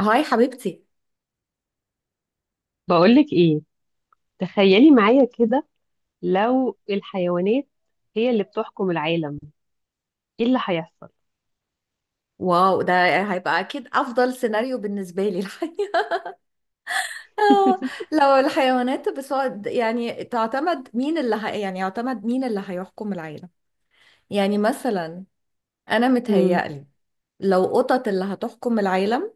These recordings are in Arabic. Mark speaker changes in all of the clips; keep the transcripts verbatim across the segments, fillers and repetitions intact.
Speaker 1: هاي حبيبتي.
Speaker 2: بقولك ايه؟ تخيلي معايا كده، لو الحيوانات هي اللي بتحكم العالم، ايه اللي هيحصل؟
Speaker 1: واو، ده هيبقى اكيد افضل سيناريو بالنسبه لي. الحقيقه، آه، لو الحيوانات، بس هو يعني تعتمد مين اللي ه... يعني يعتمد مين اللي هيحكم العالم. يعني مثلا انا
Speaker 2: مم.
Speaker 1: متهيألي، لو قطط اللي هتحكم العالم،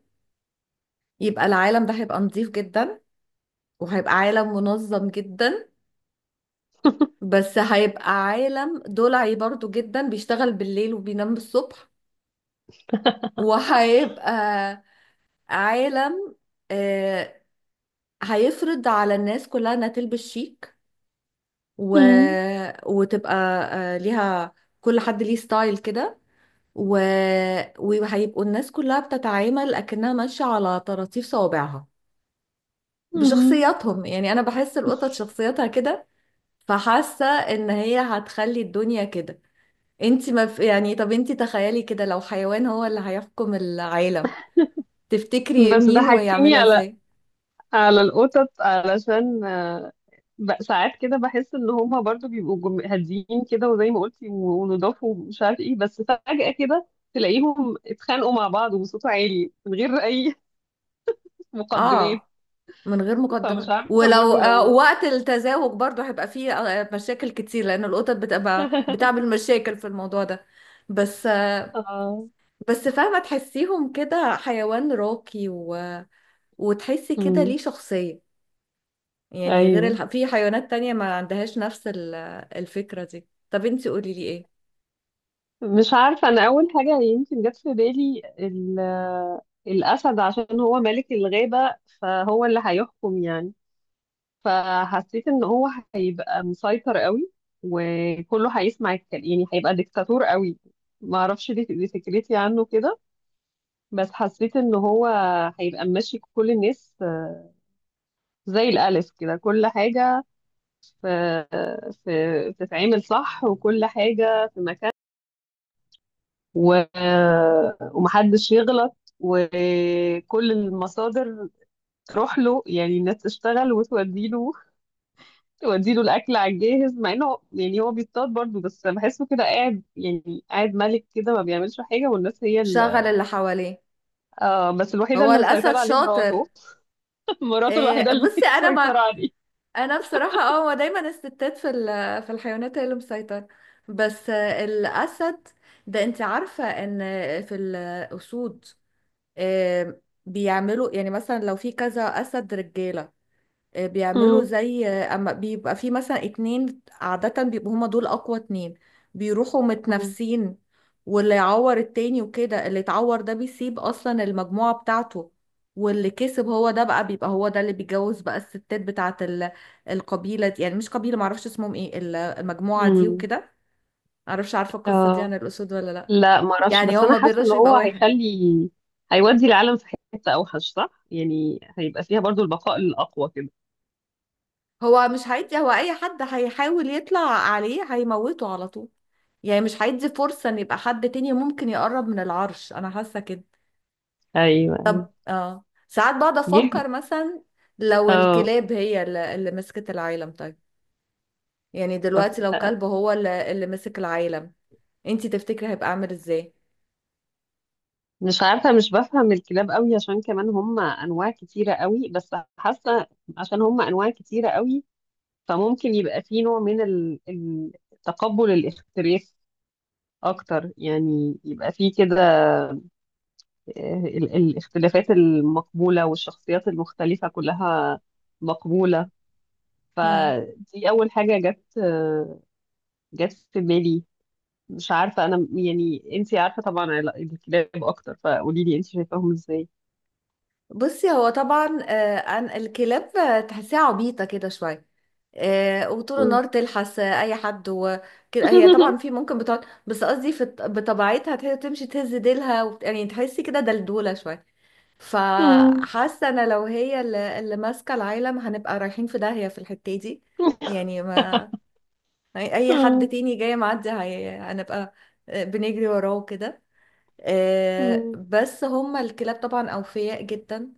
Speaker 1: يبقى العالم ده هيبقى نظيف جدا، وهيبقى عالم منظم جدا. بس هيبقى عالم دلعي برضو جدا، بيشتغل بالليل وبينام الصبح. وهيبقى عالم، آه، هيفرض على الناس كلها انها تلبس شيك، و...
Speaker 2: مم.
Speaker 1: وتبقى آه، ليها، كل حد ليه ستايل كده، و... وهيبقوا الناس كلها بتتعامل اكنها ماشية على طراطيف صوابعها
Speaker 2: مم.
Speaker 1: بشخصياتهم. يعني انا بحس القطط شخصياتها كده، فحاسة ان هي هتخلي الدنيا كده. انت ما في... يعني طب انت تخيلي كده، لو حيوان هو اللي هيحكم العالم، تفتكري
Speaker 2: بس
Speaker 1: مين
Speaker 2: ضحكتيني
Speaker 1: ويعملها
Speaker 2: على
Speaker 1: ازاي؟
Speaker 2: على القطط علشان آه، ب- ساعات كده بحس ان هما برضو بيبقوا جم- هاديين كده، وزي ما قلتي و- ونضاف ومش عارف ايه، بس فجأة كده تلاقيهم اتخانقوا مع بعض وبصوت عالي من غير اي مقدمات.
Speaker 1: اه، من غير
Speaker 2: فمش
Speaker 1: مقدمات.
Speaker 2: عارفة
Speaker 1: ولو
Speaker 2: برضو
Speaker 1: آه،
Speaker 2: لو
Speaker 1: وقت التزاوج برضو هيبقى فيه آه، مشاكل كتير، لأن القطط بتبقى بتعمل مشاكل في الموضوع ده. بس آه،
Speaker 2: اه.
Speaker 1: بس فاهمة تحسيهم كده حيوان راقي، و... وتحسي كده
Speaker 2: مم.
Speaker 1: ليه شخصية. يعني غير
Speaker 2: ايوه.
Speaker 1: الح... في حيوانات تانية ما عندهاش نفس ال- الفكرة دي. طب انتي قولي لي ايه؟
Speaker 2: مش عارفة، أنا أول حاجة يمكن جت في بالي ال- الأسد، عشان هو ملك الغابة، فهو اللي هيحكم يعني. فحسيت إن هو هيبقى مسيطر قوي، وكله هيسمع الكلام، يعني هيبقى ديكتاتور قوي. ما أعرفش، دي دي فكرتي عنه كده. بس حسيت إن هو هيبقى ماشي كل الناس آه، زي الألف كده، كل حاجة في آه، في- بتتعمل صح، وكل حاجة في مكان، و... ومحدش يغلط، وكل المصادر تروح له، يعني الناس تشتغل وتوديله، توديله الأكل على الجاهز، مع إنه يعني هو بيصطاد برضه، بس بحسه كده قاعد يعني قاعد ملك كده، ما بيعملش حاجة، والناس هي
Speaker 1: شغل
Speaker 2: ال...
Speaker 1: اللي حواليه.
Speaker 2: آه. بس الوحيدة
Speaker 1: هو
Speaker 2: اللي
Speaker 1: الأسد
Speaker 2: مسيطرة عليه
Speaker 1: شاطر.
Speaker 2: مراته. مراته الوحيدة
Speaker 1: إيه،
Speaker 2: اللي
Speaker 1: بصي، أنا ما
Speaker 2: مسيطرة عليه.
Speaker 1: انا بصراحه، اه، هو دايما الستات في ال- في الحيوانات هي اللي مسيطره. بس آه، الاسد ده، انت عارفه ان في الاسود آه، بيعملوا، يعني مثلا لو في كذا اسد رجاله، آه، بيعملوا
Speaker 2: امم.
Speaker 1: زي، آه، اما بيبقى في مثلا اتنين، عادة بيبقوا هما دول اقوى اتنين. بيروحوا متنافسين، واللي يعور التاني وكده، اللي اتعور ده بيسيب اصلا المجموعة بتاعته. واللي كسب هو ده بقى، بيبقى هو ده اللي بيجوز بقى الستات بتاعت ال- القبيلة دي. يعني مش قبيلة، معرفش اسمهم ايه ال- المجموعة دي
Speaker 2: امم.
Speaker 1: وكده. معرفش، عارفة القصة دي
Speaker 2: آه.
Speaker 1: عن الأسود ولا لأ؟
Speaker 2: لا، ما اعرفش،
Speaker 1: يعني
Speaker 2: بس
Speaker 1: هو
Speaker 2: انا
Speaker 1: ما
Speaker 2: حاسه ان
Speaker 1: بيرضاش
Speaker 2: هو
Speaker 1: يبقى واحد.
Speaker 2: هيخلي، هيودي العالم في حته اوحش، صح؟ يعني هيبقى فيها برضو البقاء الاقوى كده.
Speaker 1: هو مش هيدي، هو أي حد هيحاول يطلع عليه هيموته على طول. يعني مش هيدي فرصة ان يبقى حد تاني ممكن يقرب من العرش، انا حاسة كده.
Speaker 2: ايوه، ايوه.
Speaker 1: اه، ساعات بقعد
Speaker 2: جيب.
Speaker 1: افكر، مثلا لو
Speaker 2: اه.
Speaker 1: الكلاب هي اللي اللي مسكت العالم، طيب. يعني
Speaker 2: طب
Speaker 1: دلوقتي لو
Speaker 2: ه-
Speaker 1: كلب هو اللي, اللي مسك العالم، انتي تفتكري هيبقى عامل ازاي؟
Speaker 2: مش عارفه، مش بفهم الكلاب قوي، عشان كمان هم انواع كتيره قوي، بس حاسه عشان هم انواع كتيره قوي فممكن يبقى في نوع من ال- ال- تقبل الاختلاف اكتر، يعني يبقى في كده آه، ال- الاختلافات المقبوله والشخصيات المختلفه كلها مقبوله.
Speaker 1: هم.
Speaker 2: فدي اول حاجه جت جت في بالي. مش عارفه انا، يعني انتي عارفه طبعا عل- الكلاب اكتر، فقولي لي انتي شايفاهم ازاي.
Speaker 1: بصي، هو طبعا آه عن الكلاب، آه، تحسيها عبيطة كده شوية. آه، وطول النهار
Speaker 2: مم.
Speaker 1: تلحس آه، اي حد وكده. هي طبعا في ممكن بتقعد، بس قصدي في بطبيعتها تهي- تمشي تهز ديلها وبت... يعني تحسي كده دلدولة شوية.
Speaker 2: مم.
Speaker 1: فحاسه، انا لو هي اللي, اللي ماسكه العالم، هنبقى رايحين في داهيه في الحته دي. يعني ما اي أي حد
Speaker 2: مم.
Speaker 1: تاني جاي معدي، هي- هنبقى بنجري وراه كده.
Speaker 2: مم.
Speaker 1: بس هما الكلاب طبعا اوفياء جدا،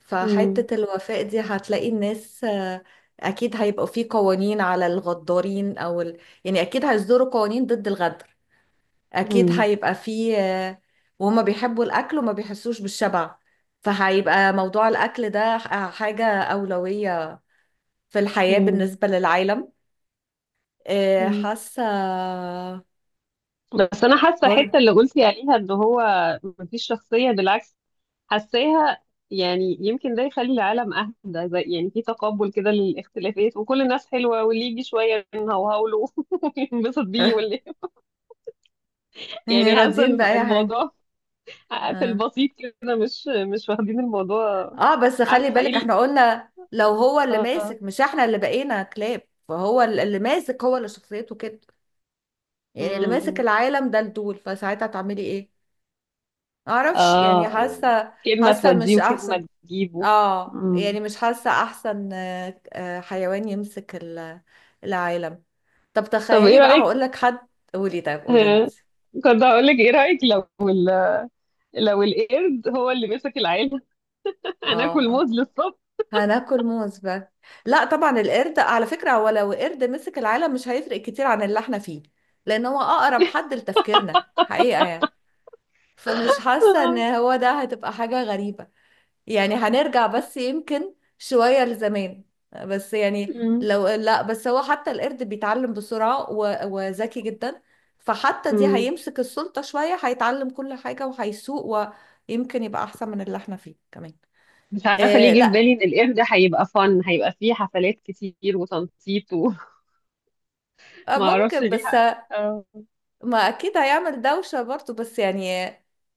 Speaker 1: فحته الوفاء دي، هتلاقي الناس آه، اكيد هيبقوا في قوانين على الغدارين او ال... يعني اكيد هيصدروا قوانين ضد الغدر. اكيد
Speaker 2: مم.
Speaker 1: هيبقى فيه آه، وهما بيحبوا الاكل وما بيحسوش بالشبع، فهيبقى موضوع الاكل ده ح- حاجة اولوية في الحياة
Speaker 2: مم.
Speaker 1: بالنسبة للعالم. آه،
Speaker 2: مم.
Speaker 1: حاسة.
Speaker 2: بس انا حاسه
Speaker 1: بر
Speaker 2: الحته اللي قلتي عليها ان هو مفيش شخصيه، بالعكس حاساها، يعني يمكن ده يخلي العالم اهدى، زي يعني في تقبل كده للاختلافات، وكل الناس حلوه، واللي يجي شويه نهوهوله وينبسط بيه، واللي
Speaker 1: يعني
Speaker 2: يعني حاسه
Speaker 1: راضيين
Speaker 2: إن
Speaker 1: بأي حاجة.
Speaker 2: الموضوع في
Speaker 1: اه،
Speaker 2: البسيط كده، مش مش واخدين الموضوع.
Speaker 1: آه، بس خلي
Speaker 2: عارفه ايه
Speaker 1: بالك،
Speaker 2: ال-
Speaker 1: احنا قلنا لو هو اللي
Speaker 2: اه.
Speaker 1: ماسك، مش احنا اللي بقينا كلاب. فهو ال- اللي ماسك هو اللي شخصيته كده. يعني اللي ماسك
Speaker 2: امم.
Speaker 1: العالم ده الدول، فساعتها تعملي ايه؟ معرفش،
Speaker 2: اه.
Speaker 1: يعني
Speaker 2: آه.
Speaker 1: حاسة.
Speaker 2: كلمه
Speaker 1: حاسة
Speaker 2: توديه
Speaker 1: مش احسن.
Speaker 2: وكلمه تجيبه.
Speaker 1: اه،
Speaker 2: امم.
Speaker 1: يعني مش حاسة احسن آه، آه، حيوان يمسك ال- العالم. طب
Speaker 2: طب ايه
Speaker 1: تخيلي بقى،
Speaker 2: رايك؟
Speaker 1: هقول لك حد. قولي، طيب قولي انت.
Speaker 2: آه، كنت هقول لك ايه رايك لو ال... لو القرد هو اللي مسك العيله.
Speaker 1: اه،
Speaker 2: هناكل
Speaker 1: آه.
Speaker 2: موز للصبح.
Speaker 1: هناكل موز بقى. لا طبعا القرد، على فكرة، هو لو قرد مسك العالم مش هيفرق كتير عن اللي احنا فيه، لان هو اقرب حد لتفكيرنا حقيقة. يعني فمش حاسة ان
Speaker 2: آه.
Speaker 1: هو ده هتبقى حاجة غريبة. يعني هنرجع بس يمكن شوية لزمان. بس يعني،
Speaker 2: مم.
Speaker 1: لو لا، بس هو حتى القرد بيتعلم بسرعة، و- وذكي جدا. فحتى دي،
Speaker 2: مم.
Speaker 1: هيمسك السلطة شوية هيتعلم كل حاجة وهيسوق، ويمكن يبقى أحسن من اللي احنا فيه كمان.
Speaker 2: مش عارفه
Speaker 1: آه
Speaker 2: ليه جه في
Speaker 1: لا،
Speaker 2: بالي ان القرد هيبقى فن، هيبقى فيه حفلات كتير وتنطيط، وما
Speaker 1: آه،
Speaker 2: اعرفش
Speaker 1: ممكن.
Speaker 2: ليه.
Speaker 1: بس
Speaker 2: اه.
Speaker 1: ما اكيد هيعمل دوشة برضه، بس يعني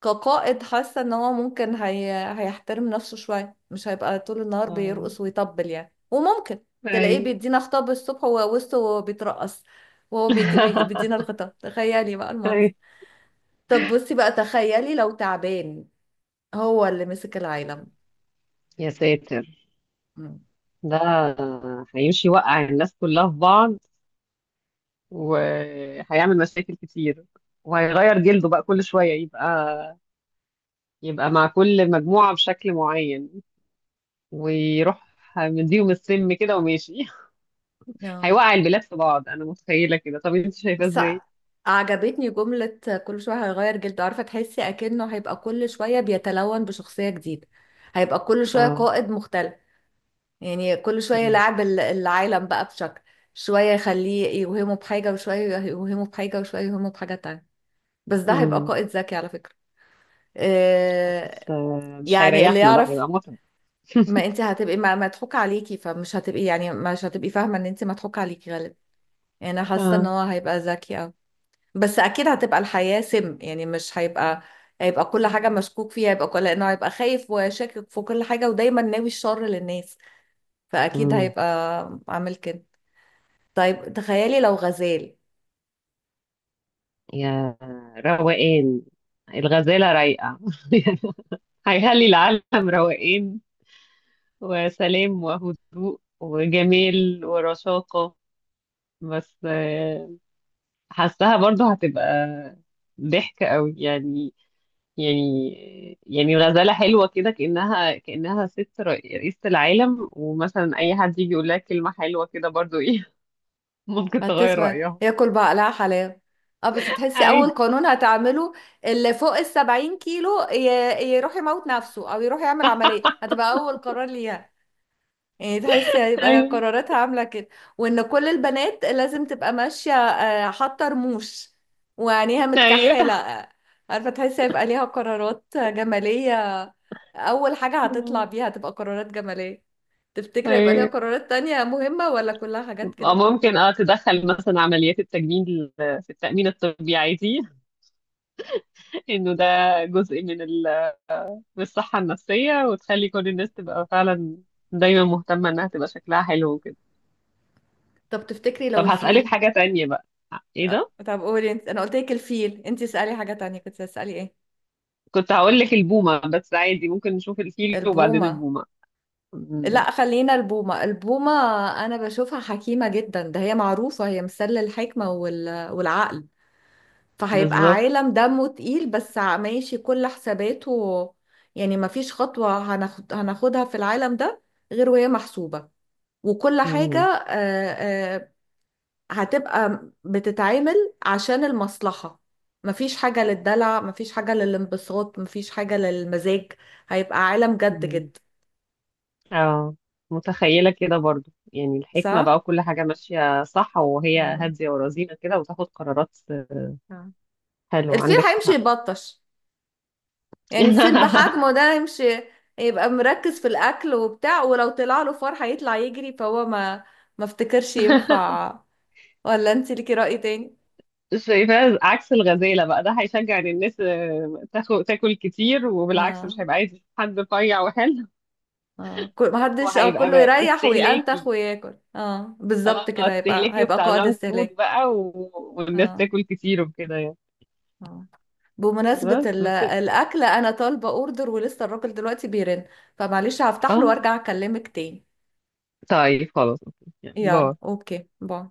Speaker 1: كقائد، حاسة ان هو ممكن هي... هيحترم نفسه شوية، مش هيبقى طول النهار
Speaker 2: آه.
Speaker 1: بيرقص ويطبل يعني. وممكن تلاقيه
Speaker 2: أيوة.
Speaker 1: بيدينا خطاب الصبح وهو وسطه وهو بيترقص، وهو بيك... بي... بيدينا الخطاب. تخيلي بقى المنظر. طب بصي بقى، تخيلي لو تعبان هو اللي مسك العالم.
Speaker 2: يا ساتر!
Speaker 1: مم.
Speaker 2: ده هيمشي يوقع الناس كلها في بعض، وهيعمل مشاكل كتير، وهيغير جلده بقى كل شوية، يبقى يبقى مع كل مجموعة بشكل معين، ويروح مديهم السم كده وماشي.
Speaker 1: اه،
Speaker 2: هيوقع البلاد في بعض أنا متخيلة كده. طب أنت شايفاه
Speaker 1: بس
Speaker 2: إزاي؟
Speaker 1: عجبتني جملة: كل شوية هيغير جلده. عارفة، تحسي أكنه هيبقى كل شوية بيتلون بشخصية جديدة، هيبقى كل شوية
Speaker 2: اه.
Speaker 1: قائد مختلف. يعني كل شوية
Speaker 2: مم.
Speaker 1: يلعب ال- العالم بقى بشكل. شوية يخليه يوهمه بحاجة، وشوية يوهمه بحاجة، وشوية يوهمه بحاجة تانية. بس ده هيبقى
Speaker 2: مم.
Speaker 1: قائد ذكي على فكرة. آه،
Speaker 2: بس آه، مش
Speaker 1: يعني اللي
Speaker 2: هيريحنا، ده
Speaker 1: يعرف.
Speaker 2: هيبقى متعب.
Speaker 1: ما انت هتبقي ما مضحوك عليكي، فمش هتبقي يعني مش هتبقي فاهمة ان انت مضحوك عليكي غالبا. يعني انا حاسة ان
Speaker 2: اه.
Speaker 1: هو هيبقى ذكي أوي. بس اكيد هتبقى الحياة سم. يعني مش هيبقى، هيبقى كل حاجة مشكوك فيها. هيبقى كل، لانه هيبقى خايف وشاكك في كل حاجة ودايما ناوي الشر للناس. فاكيد
Speaker 2: مم.
Speaker 1: هيبقى عامل كده. طيب تخيلي لو غزال.
Speaker 2: يا روقان! الغزالة رايقة. هيخلي العالم روقان، وسلام وهدوء وجمال ورشاقة. بس آه، حاساها برضو هتبقى ضحك قوي يعني. يعني يعني غزالة حلوة كده، كأنها كأنها ست رئي- رئيسة العالم، ومثلا أي حد يجي يقول لها كلمة حلوة كده برضو إيه ممكن تغير
Speaker 1: هتسمع
Speaker 2: رأيها.
Speaker 1: ياكل بقى، لا حلاوة. اه، بس تحسي اول
Speaker 2: أيوه،
Speaker 1: قانون هتعمله: اللي فوق السبعين كيلو ي- يروح يموت نفسه او يروح يعمل عملية. هتبقى اول قرار ليها. يعني تحسي هيبقى
Speaker 2: أيوه.
Speaker 1: قراراتها عاملة كده. وان كل البنات لازم تبقى ماشية، آه، حاطة رموش وعينيها متكحلة.
Speaker 2: أيوه،
Speaker 1: آه، عارفة، تحسي هيبقى ليها قرارات جمالية. أول حاجة هتطلع بيها هتبقى قرارات جمالية. تفتكري يبقى ليها
Speaker 2: أيوه.
Speaker 1: قرارات تانية مهمة، ولا كلها حاجات
Speaker 2: أو
Speaker 1: كده؟
Speaker 2: ممكن اه تدخل مثلا عمليات التجميل في التأمين الطبي عادي، انه ده جزء من ال... من الصحة النفسية، وتخلي كل الناس تبقى فعلا دايما مهتمة انها تبقى شكلها حلو وكده.
Speaker 1: طب تفتكري لو
Speaker 2: طب هسألك
Speaker 1: الفيل؟
Speaker 2: حاجة تانية بقى. ايه
Speaker 1: آه،
Speaker 2: ده؟
Speaker 1: طب قولي انت. انا قلت لك الفيل، انت اسألي حاجة تانية، كنت هتسألي ايه؟
Speaker 2: كنت هقول لك البومة، بس عادي ممكن نشوف الفيل وبعدين
Speaker 1: البومة.
Speaker 2: البومة. مم.
Speaker 1: لا خلينا البومة. البومة، أنا بشوفها حكيمة جدا. ده هي معروفة، هي مثل الحكمة وال... والعقل. فهيبقى
Speaker 2: بالظبط.
Speaker 1: عالم دمه تقيل، بس ع- ماشي كل حساباته. يعني مفيش خطوة هناخد... هناخدها في العالم ده غير وهي محسوبة، وكل حاجة
Speaker 2: مم.
Speaker 1: آه، آه، هتبقى بتتعامل عشان المصلحة. مفيش حاجة للدلع، مفيش حاجة للانبساط، مفيش حاجة للمزاج. هيبقى عالم جد
Speaker 2: مم.
Speaker 1: جد.
Speaker 2: اه، متخيلة كده برضو يعني الحكمة بقى،
Speaker 1: صح؟
Speaker 2: وكل حاجة ماشية صح، وهي
Speaker 1: مم.
Speaker 2: هادية ورزينة كده وتاخد قرارات حلوة.
Speaker 1: الفيل
Speaker 2: عندك
Speaker 1: هيمشي
Speaker 2: حق.
Speaker 1: يبطش. يعني الفيل بحجمه ده، هيمشي يبقى مركز في الاكل وبتاع، ولو طلع له فار هيطلع يجري. فهو ما، ما افتكرش ينفع. ولا انت ليكي رأي تاني؟
Speaker 2: شايفاه عكس الغزالة بقى، ده هيشجع ان الناس آه، تاخد تاكل كتير، وبالعكس
Speaker 1: اه،
Speaker 2: مش هيبقى عايز حد رفيع وحلو.
Speaker 1: اه، كل- ما حدش، اه
Speaker 2: وهيبقى
Speaker 1: كله
Speaker 2: بقى
Speaker 1: يريح وينتخ
Speaker 2: استهلاكي.
Speaker 1: وياكل. اه
Speaker 2: اه
Speaker 1: بالظبط كده، هيبقى
Speaker 2: استهلاكي،
Speaker 1: هيبقى
Speaker 2: وبتاع
Speaker 1: قائد
Speaker 2: جانك فود
Speaker 1: استهلاك.
Speaker 2: بقى و... والناس
Speaker 1: اه،
Speaker 2: تاكل كتير وكده يعني.
Speaker 1: اه، بمناسبة
Speaker 2: بس
Speaker 1: ال-
Speaker 2: بس.
Speaker 1: الأكل، أنا طالبة أوردر ولسه الراجل دلوقتي بيرن. فمعلش هفتح له
Speaker 2: اه.
Speaker 1: وأرجع أكلمك تاني.
Speaker 2: طيب خلاص اوكي، يعني
Speaker 1: يلا
Speaker 2: باي.
Speaker 1: أوكي باي.